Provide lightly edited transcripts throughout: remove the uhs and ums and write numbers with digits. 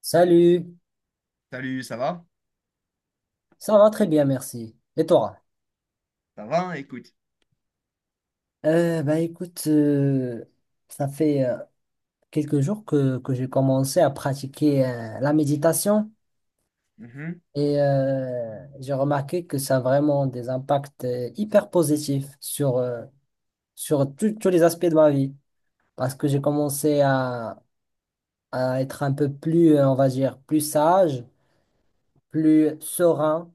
Salut, Salut, ça va? ça va très bien, merci. Et toi? Ça va, écoute. Bah écoute, ça fait quelques jours que j'ai commencé à pratiquer la méditation Mhm. et j'ai remarqué que ça a vraiment des impacts hyper positifs sur sur tous les aspects de ma vie parce que j'ai commencé à être un peu plus, on va dire, plus sage, plus serein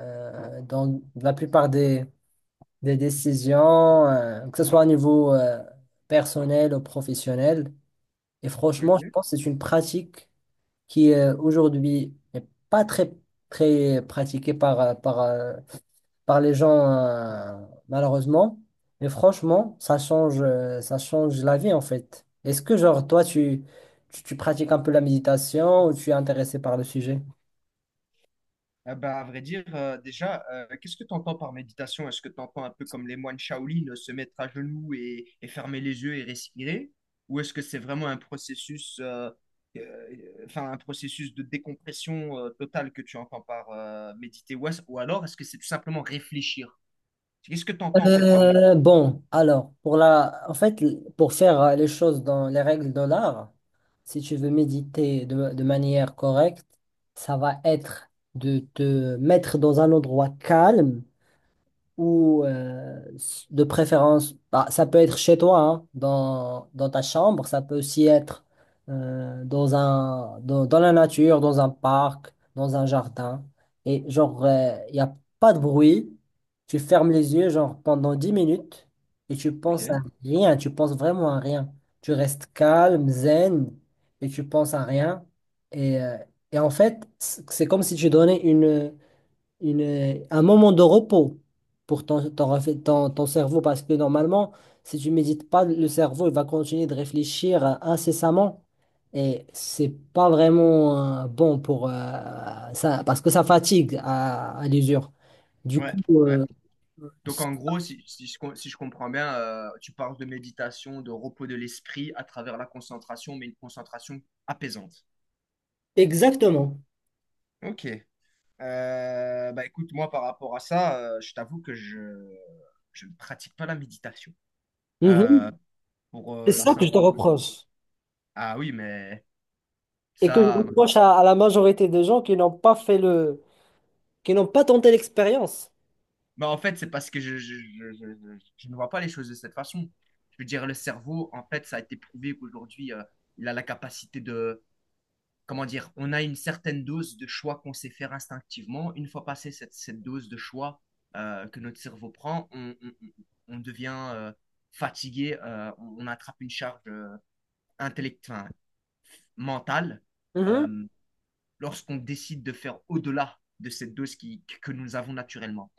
dans la plupart des décisions, que ce soit au niveau personnel ou professionnel. Et franchement, je Ok. pense que c'est une pratique qui aujourd'hui n'est pas très pratiquée par par les gens, malheureusement. Mais franchement, ça change la vie en fait. Est-ce que, genre, toi, tu pratiques un peu la méditation ou tu es intéressé par le sujet? Ah bah, à vrai dire, déjà, qu'est-ce que tu entends par méditation? Est-ce que tu entends un peu comme les moines Shaolin, se mettre à genoux et fermer les yeux et respirer? Ou est-ce que c'est vraiment un processus, euh, enfin, un processus de décompression, totale que tu entends par, méditer? Ou alors, est-ce que c'est tout simplement réfléchir? Qu'est-ce que tu entends en fait par Euh, méditer? bon, alors, en fait, pour faire les choses dans les règles de l'art, si tu veux méditer de manière correcte, ça va être de te mettre dans un endroit calme ou de préférence, bah, ça peut être chez toi, hein, dans ta chambre, ça peut aussi être dans la nature, dans un parc, dans un jardin. Et genre, il n'y a pas de bruit, tu fermes les yeux genre pendant 10 minutes et tu penses à Ok. rien, tu penses vraiment à rien. Tu restes calme, zen et tu penses à rien. Et, euh, et en fait, c'est comme si tu donnais une un moment de repos pour ton ton cerveau parce que normalement, si tu médites pas, le cerveau il va continuer de réfléchir incessamment et c'est pas vraiment bon pour ça parce que ça fatigue à l'usure. Du Ouais, coup, ouais. Donc c- en gros, si je comprends bien, tu parles de méditation, de repos de l'esprit à travers la concentration, mais une concentration apaisante. exactement. Ok. Bah écoute, moi par rapport à ça, je t'avoue que je ne pratique pas la méditation. Euh, Mhm. pour C'est la ça que je simple te et bonne raison. reproche Ah oui, mais et que je ça... reproche à la majorité des gens qui n'ont pas fait le, qui n'ont pas tenté l'expérience. Bah, en fait, c'est parce que je ne vois pas les choses de cette façon. Je veux dire, le cerveau, en fait, ça a été prouvé qu'aujourd'hui, il a la capacité de comment dire, on a une certaine dose de choix qu'on sait faire instinctivement. Une fois passée cette dose de choix que notre cerveau prend, on devient fatigué, on attrape une charge intellectuelle, mentale. Mhm. euh, Lorsqu'on décide de faire au-delà de cette dose qui, que nous avons naturellement.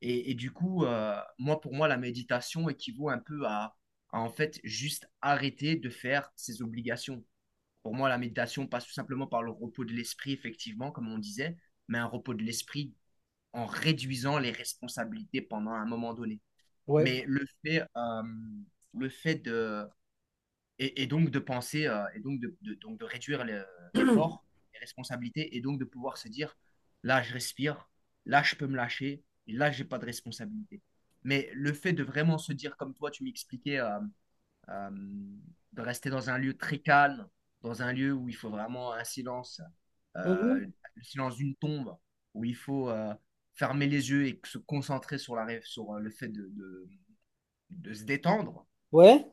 Et du coup, moi, pour moi, la méditation équivaut un peu à en fait juste arrêter de faire ses obligations. Pour moi, la méditation passe tout simplement par le repos de l'esprit, effectivement, comme on disait, mais un repos de l'esprit en réduisant les responsabilités pendant un moment donné. Ouais. Mais le fait, euh, le fait de, et donc de penser, et donc donc de réduire l'effort, les responsabilités, et donc de pouvoir se dire, là, je respire, là, je peux me lâcher, et là, j'ai pas de responsabilité. Mais le fait de vraiment se dire, comme toi, tu m'expliquais, euh, de rester dans un lieu très calme, dans un lieu où il faut vraiment un silence, euh, Mhm. le silence d'une tombe, où il faut fermer les yeux et se concentrer sur le fait de se détendre, Ouais.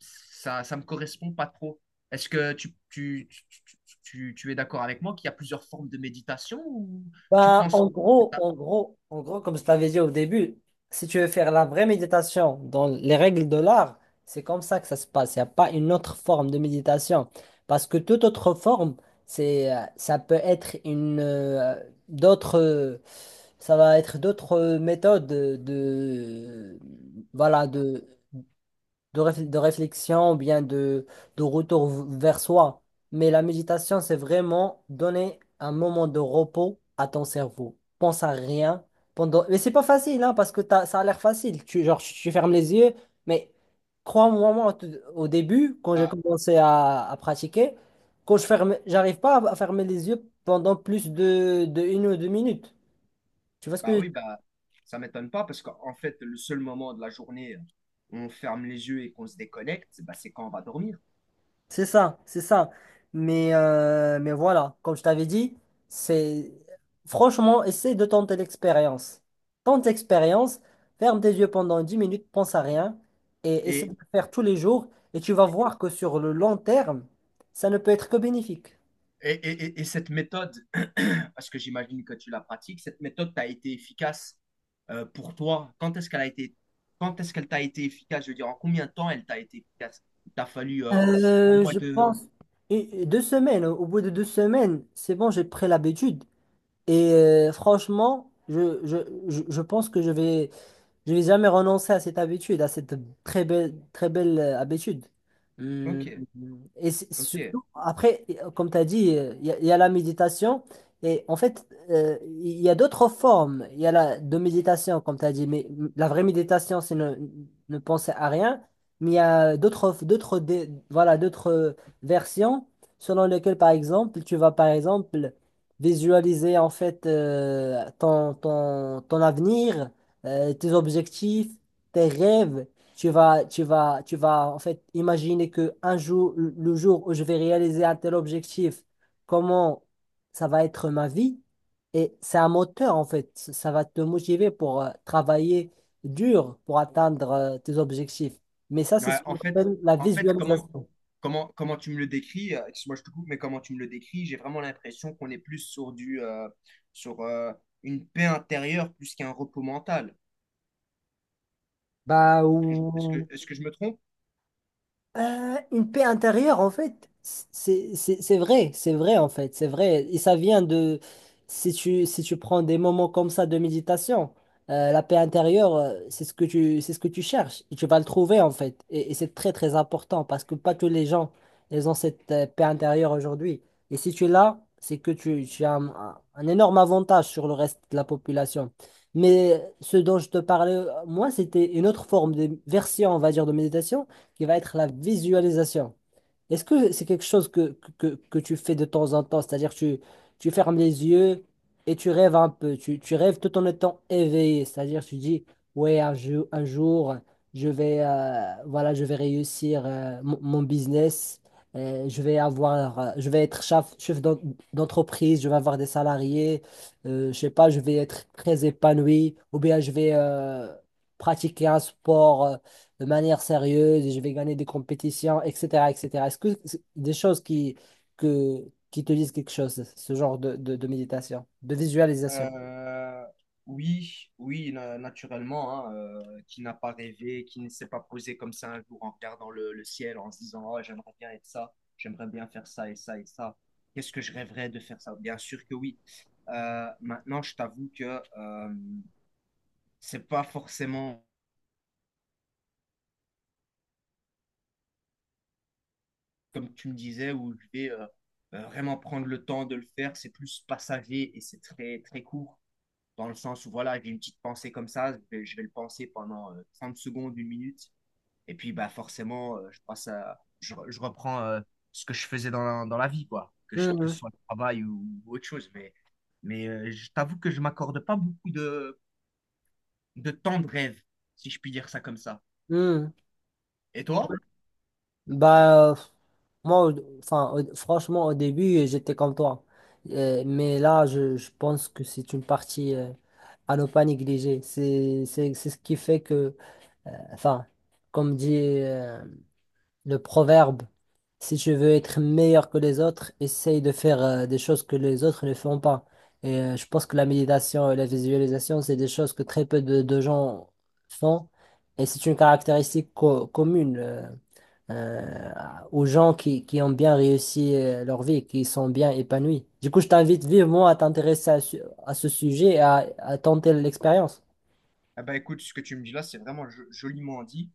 ça ne me correspond pas trop. Est-ce que tu es d'accord avec moi qu'il y a plusieurs formes de méditation ou tu Ben, penses que... en gros, comme je t'avais dit au début, si tu veux faire la vraie méditation dans les règles de l'art, c'est comme ça que ça se passe. Il n'y a pas une autre forme de méditation. Parce que toute autre forme, ça peut être d'autres, euh, ça va être d'autres méthodes voilà, réf- de réflexion ou bien de retour v- vers soi. Mais la méditation, c'est vraiment donner un moment de repos à ton cerveau. Pense à rien pendant... Mais c'est pas facile, hein, parce que t'as- ça a l'air facile. Tu, genre, tu fermes les yeux, mais crois-moi, moi, au tout- au début, quand j'ai Ah, commencé à pratiquer, quand je ferme, j'arrive pas à fermer les yeux pendant plus de une ou deux minutes. Tu vois ce bah que... oui, bah ça m'étonne pas parce qu'en fait, le seul moment de la journée où on ferme les yeux et qu'on se déconnecte, bah, c'est quand on va dormir. C'est ça, c'est ça. Mais voilà, comme je t'avais dit, c'est franchement, essaie de tenter l'expérience. Tente l'expérience, ferme tes yeux pendant 10 minutes, pense à rien et essaie de Et, le faire tous les jours et tu vas voir que sur le long terme, ça ne peut être que bénéfique. et cette méthode, parce que j'imagine que tu la pratiques, cette méthode t'a été efficace pour toi. Quand est-ce qu'elle t'a été efficace? Je veux dire, en combien de temps elle t'a été efficace? Il t'a fallu un mois Je pense de... et deux semaines, au bout de deux semaines, c'est bon, j'ai pris l'habitude et franchement, je pense que je vais je vais jamais renoncer à cette habitude, à cette très belle habitude. Hum, Ok, Et c'est- ok. surtout, après, comme tu as dit, il y a la méditation. Et en fait, il y a d'autres formes. Il y a la de méditation, comme tu as dit. Mais mm, la vraie méditation, c'est ne, ne penser à rien. Mais il y a d'autres, dé- voilà, d'autres versions selon lesquelles, par exemple, tu vas, par exemple, visualiser en fait ton avenir tes objectifs, tes rêves. Tu vas en fait imaginer que un jour, le jour où je vais réaliser un tel objectif, comment ça va être ma vie. Et c'est un moteur en fait. Ça va te motiver pour travailler dur pour atteindre tes objectifs. Mais ça, c'est Ouais, ce en qu'on fait, appelle la en fait, comment, visualisation. Comment tu me le décris, excuse-moi, je te coupe, mais comment tu me le décris, j'ai vraiment l'impression qu'on est plus sur une paix intérieure plus qu'un repos mental. Bah, Est-ce que, je est-ce ou- que- est-ce que je me trompe? Une paix intérieure, en fait, c'est vrai, en fait, c'est vrai. Et ça vient de, si tu prends des moments comme ça de méditation, la paix intérieure, c'est ce que c'est ce que tu cherches. Et tu vas le trouver, en fait. Et c'est très important parce que pas tous les gens, ils ont cette paix intérieure aujourd'hui. Et si tu l'as, c'est que tu as un énorme avantage sur le reste de la population. Mais ce dont je te parlais, moi, c'était une autre forme de version, on va dire, de méditation qui va être la visualisation. Est-ce que c'est quelque chose que tu fais de temps en temps? C'est-à-dire tu, tu fermes les yeux et tu rêves un peu. Tu rêves tout en étant éveillé. C'est-à-dire tu dis, ouais, un, jou- un jour, je vais, voilà, je vais réussir mon business. Je vais avoir, je vais être chef d'en- d'entreprise, je vais avoir des salariés, je sais pas, je vais être très épanoui, ou bien je vais pratiquer un sport de manière sérieuse et je vais gagner des compétitions, etc., etc. Est-ce que c'est des choses que, qui te disent quelque chose, ce genre de méditation, de visualisation? Euh, oui, oui, naturellement, hein, qui n'a pas rêvé, qui ne s'est pas posé comme ça un jour en regardant le ciel, en se disant, oh, j'aimerais bien être ça, j'aimerais bien faire ça et ça et ça. Qu'est-ce que je rêverais de faire ça? Bien sûr que oui. Maintenant, je t'avoue que c'est pas forcément comme tu me disais où je vais vraiment prendre le temps de le faire. C'est plus passager et c'est très très court dans le sens où voilà, j'ai une petite pensée comme ça, je vais le penser pendant 30 secondes, une minute et puis bah forcément je passe à je reprends ce que je faisais dans la vie quoi, que ce Mhm, soit le travail ou autre chose mais je t'avoue que je m'accorde pas beaucoup de temps de rêve si je puis dire ça comme ça. mhm. Et toi? Bah, moi, au- enfin, au- franchement, au début, j'étais comme toi. Mais là, je pense que c'est une partie à ne pas négliger. C'est ce qui fait que, enfin, comme dit le proverbe, si tu veux être meilleur que les autres, essaye de faire des choses que les autres ne font pas. Et je pense que la méditation et la visualisation, c'est des choses que très peu de gens font. Et c'est une caractéristique co- commune euh, aux gens qui ont bien réussi leur vie, qui sont bien épanouis. Du coup, je t'invite vivement à t'intéresser à, su- à ce sujet et à tenter l'expérience. Ah bah écoute, ce que tu me dis là, c'est vraiment joliment dit.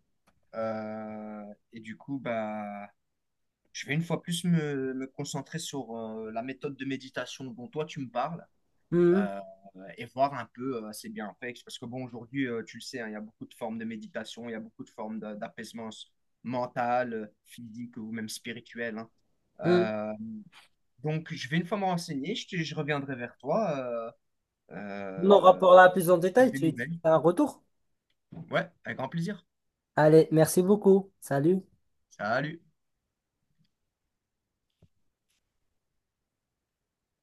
Euh, et du coup, bah, je vais une fois plus me concentrer sur la méthode de méditation dont toi tu me parles Mhm. euh, et voir un peu ses bienfaits. Parce que bon, aujourd'hui, tu le sais, hein, il y a beaucoup de formes de méditation, il y a beaucoup de formes d'apaisement mental, physique ou même spirituel, hein. Mhm. Euh, donc, je vais une fois me renseigner, je reviendrai vers toi Mon euh, rapport là plus en avec détail, des tu nouvelles. fais un retour. Ouais, avec grand plaisir. Allez, merci beaucoup. Salut. Salut.